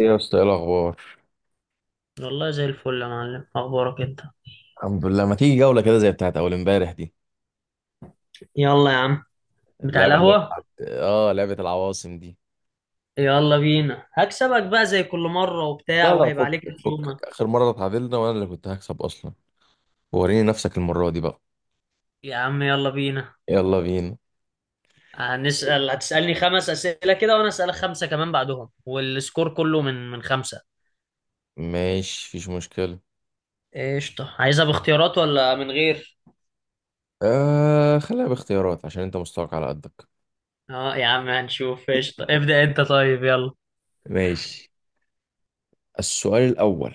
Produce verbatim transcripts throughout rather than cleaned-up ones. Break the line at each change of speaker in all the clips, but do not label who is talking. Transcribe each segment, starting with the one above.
ايه يا اسطى، ايه الاخبار؟
والله زي الفل يا معلم، اخبارك انت؟
الحمد لله. ما تيجي جوله كده زي بتاعت اول امبارح دي؟
يلا يا عم. بتاع
اللعبه اللي هي
القهوة.
بتاعت اه لعبه العواصم دي.
يلا بينا هكسبك بقى زي كل مرة وبتاع،
لا لا،
وهيبقى
فكك.
عليك رسومة.
فكك، اخر مره اتعادلنا وانا اللي كنت هكسب اصلا. وريني نفسك المره دي بقى.
يا عم يلا بينا.
يلا بينا.
هنسأل، هتسألني خمس أسئلة كده، وانا أسألك خمسة كمان بعدهم، والسكور كله من من خمسة.
ماشي، مفيش مشكله.
قشطة، عايزها باختيارات ولا من غير؟
آه، خليها باختيارات عشان انت مستواك على قدك.
اه يا عم هنشوف. قشطة، ابدأ انت طيب يلا.
ماشي. السؤال الاول.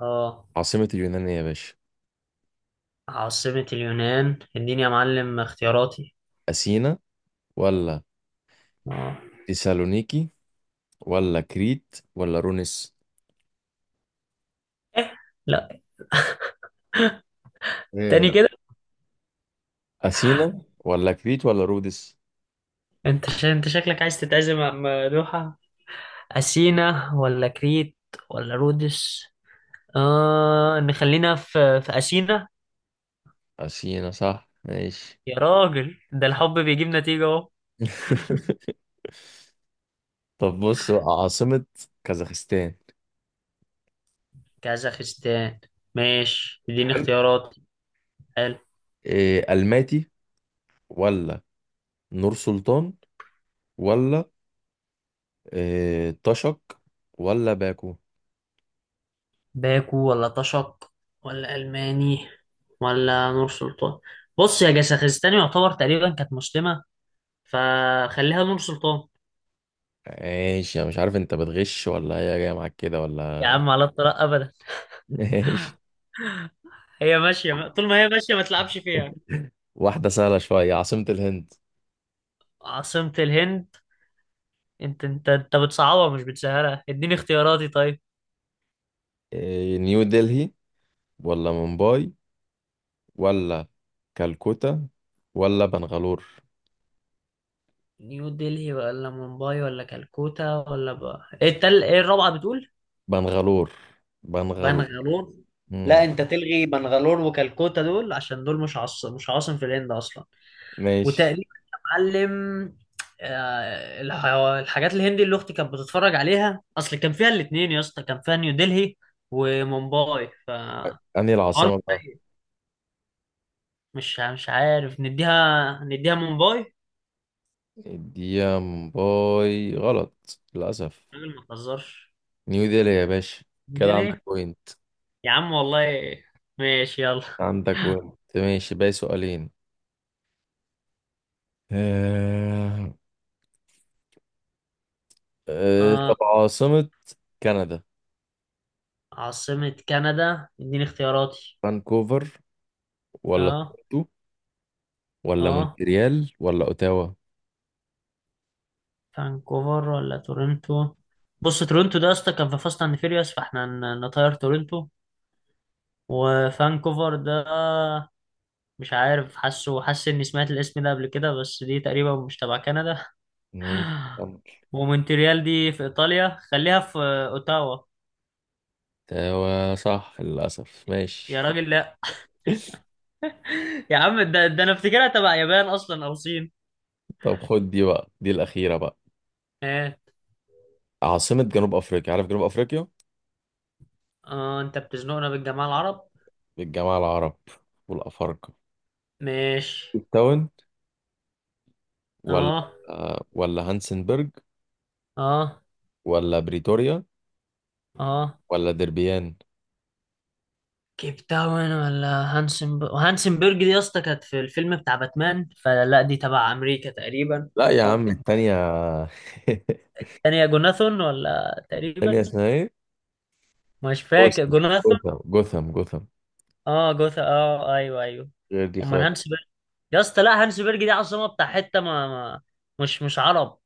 اه.
عاصمه اليونان إيه يا باشا؟
عاصمة اليونان، اديني يا معلم اختياراتي.
اثينا، ولا
اه.
تسالونيكي، ولا كريت، ولا رونس؟
لا. تاني
ايه؟
كده.
اثينا ولا كريت ولا رودس؟
انت ش... انت شكلك عايز تتعزم عم دوحة. أثينا ولا كريت ولا رودس؟ آه نخلينا في في أثينا.
أثينا صح، ماشي.
يا راجل، ده الحب بيجيب نتيجة اهو.
طب بص بقى، عاصمة كازاخستان.
كازاخستان. ماشي، اديني
حلو.
اختيارات. حلو.
إيه، ألماتي، ولا نور سلطان، ولا إيه طشق، ولا باكو؟
باكو ولا طشق ولا ألماني ولا نور سلطان؟ بص، يا كازاخستان يعتبر تقريبا كانت مسلمة، فخليها نور سلطان.
ماشي، أنا مش عارف أنت بتغش ولا هي جاية معاك كده
يا
ولا.
عم على الطلاق أبدا.
ماشي.
هي ماشية، طول ما هي ماشية ما تلعبش فيها.
واحدة سهلة شوية، عاصمة الهند.
عاصمة الهند. انت انت انت بتصعبها مش بتسهلها، اديني اختياراتي طيب.
إيه، نيو دلهي، ولا مومباي، ولا كالكوتا، ولا بنغالور؟
نيو دلهي ولا مومباي ولا كالكوتا، ولا بقى ايه التل... ايه الرابعة بتقول؟
بنغالور، بنغالور.
بنغالور.
مم.
لا، انت تلغي بنغالور وكالكوتا، دول عشان دول مش عاص... مش عاصم في الهند اصلا.
ماشي،
وتقريبا، يا معلم، آه، الح... الحاجات الهندي اللي اختي كانت بتتفرج عليها، اصل كان فيها الاتنين يا اسطى، كان فيها نيو دلهي ومومباي فالحوار.
أنهي العاصمة بقى؟
مش مش عارف، نديها نديها مومباي.
الديم باي غلط للأسف.
راجل ما تهزرش.
نيو ديلي يا باشا. كده
نزل
عندك
ايه؟
بوينت.
يا عم والله. ماشي يلا.
عندك بوينت، ماشي، باقي سؤالين. آه... آه...
اه،
طب عاصمة كندا.
عاصمة كندا، اديني اختياراتي.
فانكوفر، ولا
اه.
تورنتو، ولا
اه.
مونتريال، ولا أوتاوا؟
فانكوفر ولا تورنتو؟ بص، تورنتو ده يا اسطى كان في فاست اند فيريوس، فاحنا ن- نطير تورنتو. وفانكوفر ده مش عارف، حاسه حاسس اني سمعت الاسم ده قبل كده، بس دي تقريبا مش تبع كندا.
ماشي، كمل.
ومونتريال دي في ايطاليا. خليها في اوتاوا.
أوتاوا صح للأسف،
يا
ماشي.
راجل لا. يا عم ده, ده انا افتكرها تبع يابان اصلا او صين.
طب خد دي بقى، دي الأخيرة بقى.
آه.
عاصمة جنوب أفريقيا، عارف جنوب أفريقيا؟
اه، انت بتزنقنا بالجماعة العرب.
الجماعة العرب والأفارقة.
ماشي.
كيب تاون، ولا
اه.
ولا هانسنبرج،
اه.
ولا بريتوريا،
اه.
ولا دربيان؟
كيب تاون ولا هانسن هانسنبرج دي يا اسطى كانت في الفيلم بتاع باتمان، فلا دي تبع امريكا تقريبا.
لا يا عم،
فانت،
التانية.
الثانية جوناثون ولا تقريبا.
التانية اسمها ايه؟
مش فاكر،
جوثام.
جوناثون.
جوثام، جوثام، جوثام.
اه جوثا، اه ايوه ايوه.
غير دي
امال
خالص.
هانسنبرج؟ يا اسطى لا، هانسنبرج دي عاصمة بتاع حتة ما, ما مش مش عرب،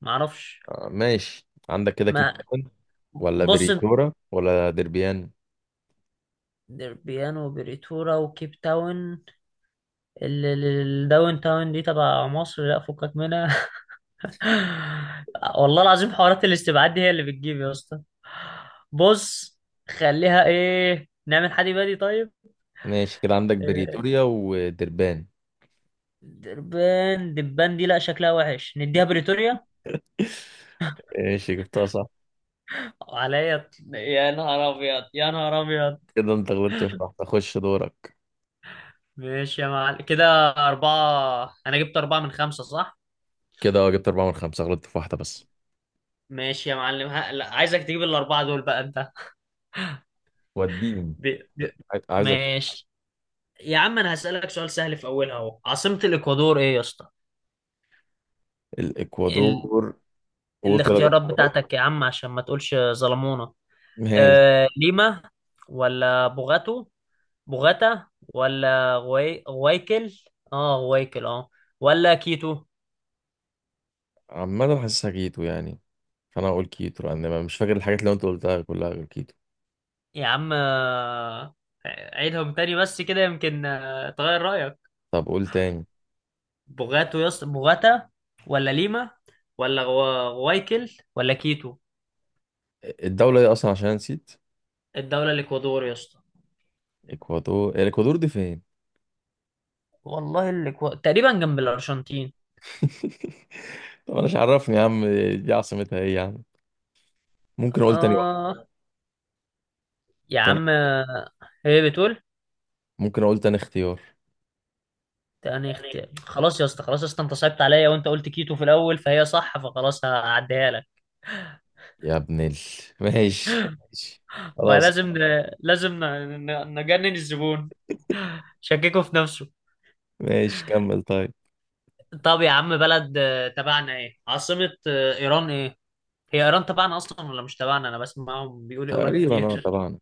ما اعرفش.
آه، ماشي، عندك كده كيب
ما
تاون ولا
بص انت-
بريتورا ولا دربيان؟
دربيان وبريتورا وكيب تاون. الداون تاون دي تبع مصر، لا فكك منها. والله العظيم، حوارات الاستبعاد دي هي اللي بتجيب يا اسطى. بص، خليها ايه، نعمل حدي بادي طيب.
ماشي، كده عندك
آه،
بريتوريا ودربان.
دبان دبان دي لا شكلها وحش. نديها بريتوريا.
ماشي، جبتها صح.
عليا يا نهار ابيض، يا نهار ابيض.
كده انت غلطت في واحدة، خش دورك.
ماشي يا معلم كده. أربعة، أنا جبت أربعة من خمسة صح؟
كده اه، جبت أربعة من خمسة، غلطت في واحدة بس.
ماشي يا معلم. ها... لا عايزك تجيب الأربعة دول بقى أنت.
وديني،
ب... ب...
عايزك.
ماشي. يا عم انا هسألك سؤال سهل في اولها اهو، عاصمة الاكوادور ايه يا اسطى؟ ال...
الإكوادور. قول كده
الاختيارات
الاختيارات.
بتاعتك يا عم عشان ما تقولش ظلمونا.
ماشي.
آه... ليما، ولا بوغاتو بوغاتا، ولا غوي... غويكل، اه غويكل اه، ولا كيتو.
عمال حاسسها كيتو يعني. فانا هقول كيتو لان ما- مش فاكر الحاجات اللي انت قلتها كلها غير كيتو.
يا عم آه، عيدهم تاني بس كده يمكن آه، تغير رأيك.
طب قول تاني.
بوغاتو يا اسطى، بوغاتا ولا ليما، ولا غو... غويكل، ولا كيتو.
الدولة دي اصلا عشان نسيت.
الدولة الاكوادور يا اسطى.
اكوادور، الاكوادور دي فين؟
والله اللي كو... تقريبا جنب الأرجنتين.
طب انا مش، عرفني يا عم. دي عاصمتها ايه يا عم؟ ممكن اقول تاني واحد؟
آه. يا
تاني.
عم هي بتقول.
ممكن اقول تاني اختيار؟
تاني اختيار، خلاص يا اسطى، خلاص يا اسطى، انت صعبت عليا وانت قلت كيتو في الأول فهي صح، فخلاص هعديها لك.
يا ابن ال ماشي ماشي.
ما
خلاص.
لازم ن... لازم ن... ن- نجنن الزبون، شككه في نفسه.
ماشي كمل طيب.
طب يا عم، بلد آه، تبعنا، ايه عاصمة آه، إيران ايه؟ هي إيران تبعنا أصلا ولا مش تبعنا؟ أنا بسمعهم بيقولوا إيران
تقريبا، اه،
كتير.
طبعا.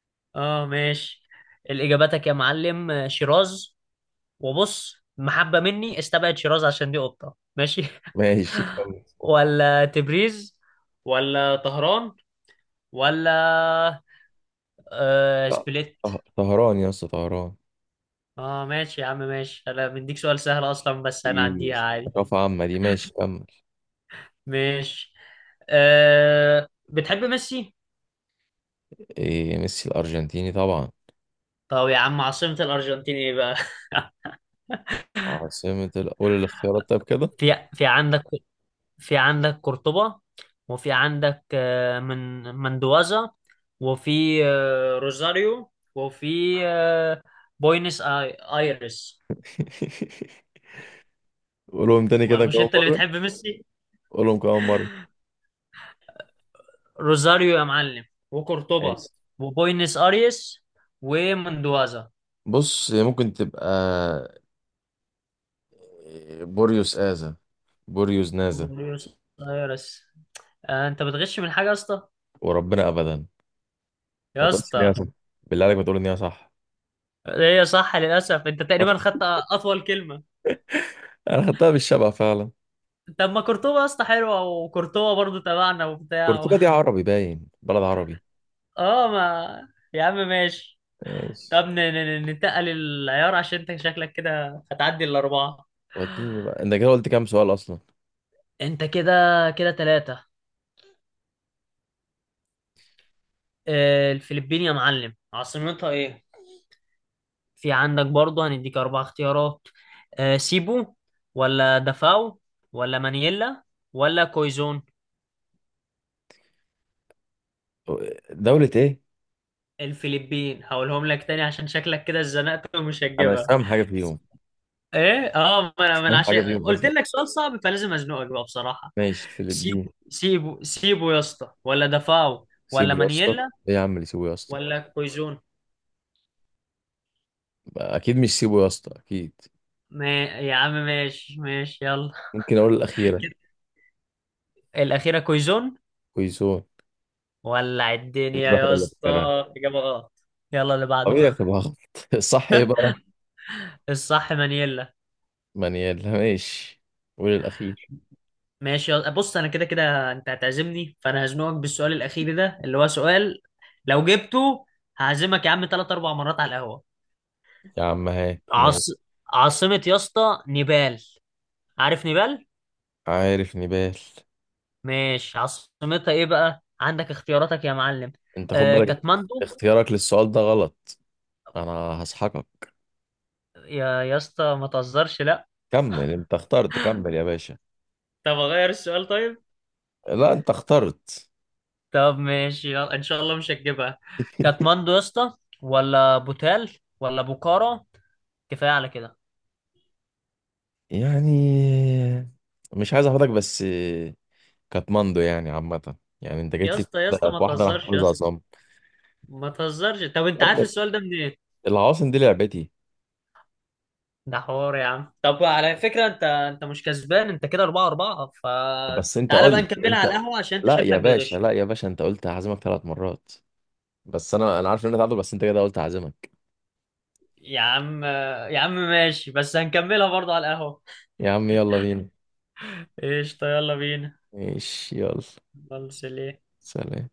اه ماشي. الإجاباتك يا معلم، آه، شيراز. وبص محبة مني استبعد شيراز عشان دي قطة، ماشي.
ماشي كمل.
ولا تبريز، ولا طهران، ولا آه
ط-
سبليت.
طه- طهران يا اسطى، طهران.
اه ماشي يا عم، ماشي انا بديك سؤال سهل اصلا بس
إيه،
هنعديها عادي.
ثقافة عامة دي، ماشي كمل.
ماشي. آه بتحب ميسي؟
إيه، ميسي الأرجنتيني طبعا.
طب يا عم عاصمة الأرجنتين ايه بقى؟
عاصمة ال... قول الاختيارات طيب كده.
في في عندك في عندك قرطبة، وفي عندك آه، من مندوازا، وفي آه، روزاريو، وفي آه، بوينس آي ايرس.
قولهم تاني
ما
كده
مش
كمان
انت اللي
مرة.
بتحب ميسي؟
قولهم كمان مرة.
روزاريو يا معلم، وقرطبة،
ماشي.
وبوينس ايرس، ومندوازا.
بص، هي ممكن تبقى آه، بوريوس آزا، بوريوس نازا.
بوينس ايرس. آه، انت بتغش من حاجة يا اسطى؟
وربنا أبدا. ما
يا
تقولش إن هي
اسطى،
صح. بالله عليك، ما تقول إن هي صح.
هي صح للأسف. انت
طب،
تقريبا خدت أطول كلمة.
أنا خدتها بالشبع فعلا.
طب ما قرطبة يا اسطى حلوة، وقرطبة برضو تبعنا وبتاع.
كوركبا دي عربي، باين بلد عربي.
اه ما يا عم ماشي.
ماشي.
طب ن- ن- ن- ننتقل العيار، عشان انت شكلك كده هتعدي الاربعه.
وديني بقى، أنت كده قلت كام سؤال أصلا؟
انت كده، كده ثلاثه. الفلبين يا معلم عاصمتها ايه؟ في عندك برضه هنديك اربع اختيارات. آه، سيبو، ولا دافاو، ولا مانيلا، ولا كويزون.
دولة إيه؟
الفلبين. هقولهم لك تاني عشان شكلك كده اتزنقت ومش
أنا مش
هتجيبها.
فاهم حاجة فيهم.
ايه اه، ما
مش
انا ما انا
فاهم
عشان
حاجة فيهم
قلت
أصلا.
لك سؤال صعب فلازم ازنقك بقى بصراحه.
ماشي،
سيب
الفلبين.
سيبو سيبو يا اسطى، ولا دفاعه، ولا
سيبوا يا اسطى.
مانييلا،
إيه يا عم اللي سيبوا يا اسطى؟
ولا كويزون.
اكيد مش سيبو يا اسطى، اكيد.
ما يا عم ماشي، ماشي يلا.
ممكن اقول الاخيره؟
كده، الأخيرة كويزون.
كويسون.
ولع الدنيا
الواحد
يا
ولا
اسطى.
فاكرها.
إجابة غلط. يلا اللي بعده.
طبيعي تبقى غلط. صح بقى.
الصح مانييلا.
منيال، ماشي. قول الاخير.
ماشي يلا. بص أنا كده كده أنت هتعزمني، فأنا هزنقك بالسؤال الأخير ده اللي هو سؤال، لو جبته هعزمك يا عم تلات أربع مرات على القهوة.
يا عم هات،
عاص...
ماشي.
عاصمة يا اسطى نيبال، عارف نيبال؟
عارف نبال.
ماشي عاصمتها ايه بقى، عندك اختياراتك يا معلم.
انت خد
آه
بالك.
كاتماندو.
اختيارك للسؤال ده غلط. انا هسحقك.
يا يا اسطى ما تهزرش لا.
كمل، انت اخترت، كمل يا باشا.
طب اغير السؤال طيب؟
لا، انت اخترت.
طب ماشي يلا، ان شاء الله مش هتجيبها. كاتماندو يا اسطى، ولا بوتال، ولا بوكارا. كفايه على كده.
يعني مش عايز احفظك بس. كاتماندو يعني عامة. يعني انت
يا
جيت لي
اسطى يا اسطى ما
في واحدة انا
تهزرش يا
حافظها
اسطى.
صم.
ما تهزرش. طب انت عارف السؤال ده منين؟
العواصم دي لعبتي.
ده حوار يا عم. طب على فكره، انت انت مش كسبان، انت كده أربعة أربعة،
بس انت
فتعالى بقى
قلت
نكملها على
انت.
القهوه عشان انت
لا يا
شكلك
باشا،
بتغش.
لا يا باشا، انت قلت هعزمك ثلاث مرات. بس انا انا عارف ان انت تعادل، بس انت كده قلت هعزمك.
يا عم، يا عم ماشي، بس هنكملها برضه على القهوة.
يا عم يلا بينا.
ايش يلا بينا؟
ماشي، يلا.
خلص ليه؟
سلام.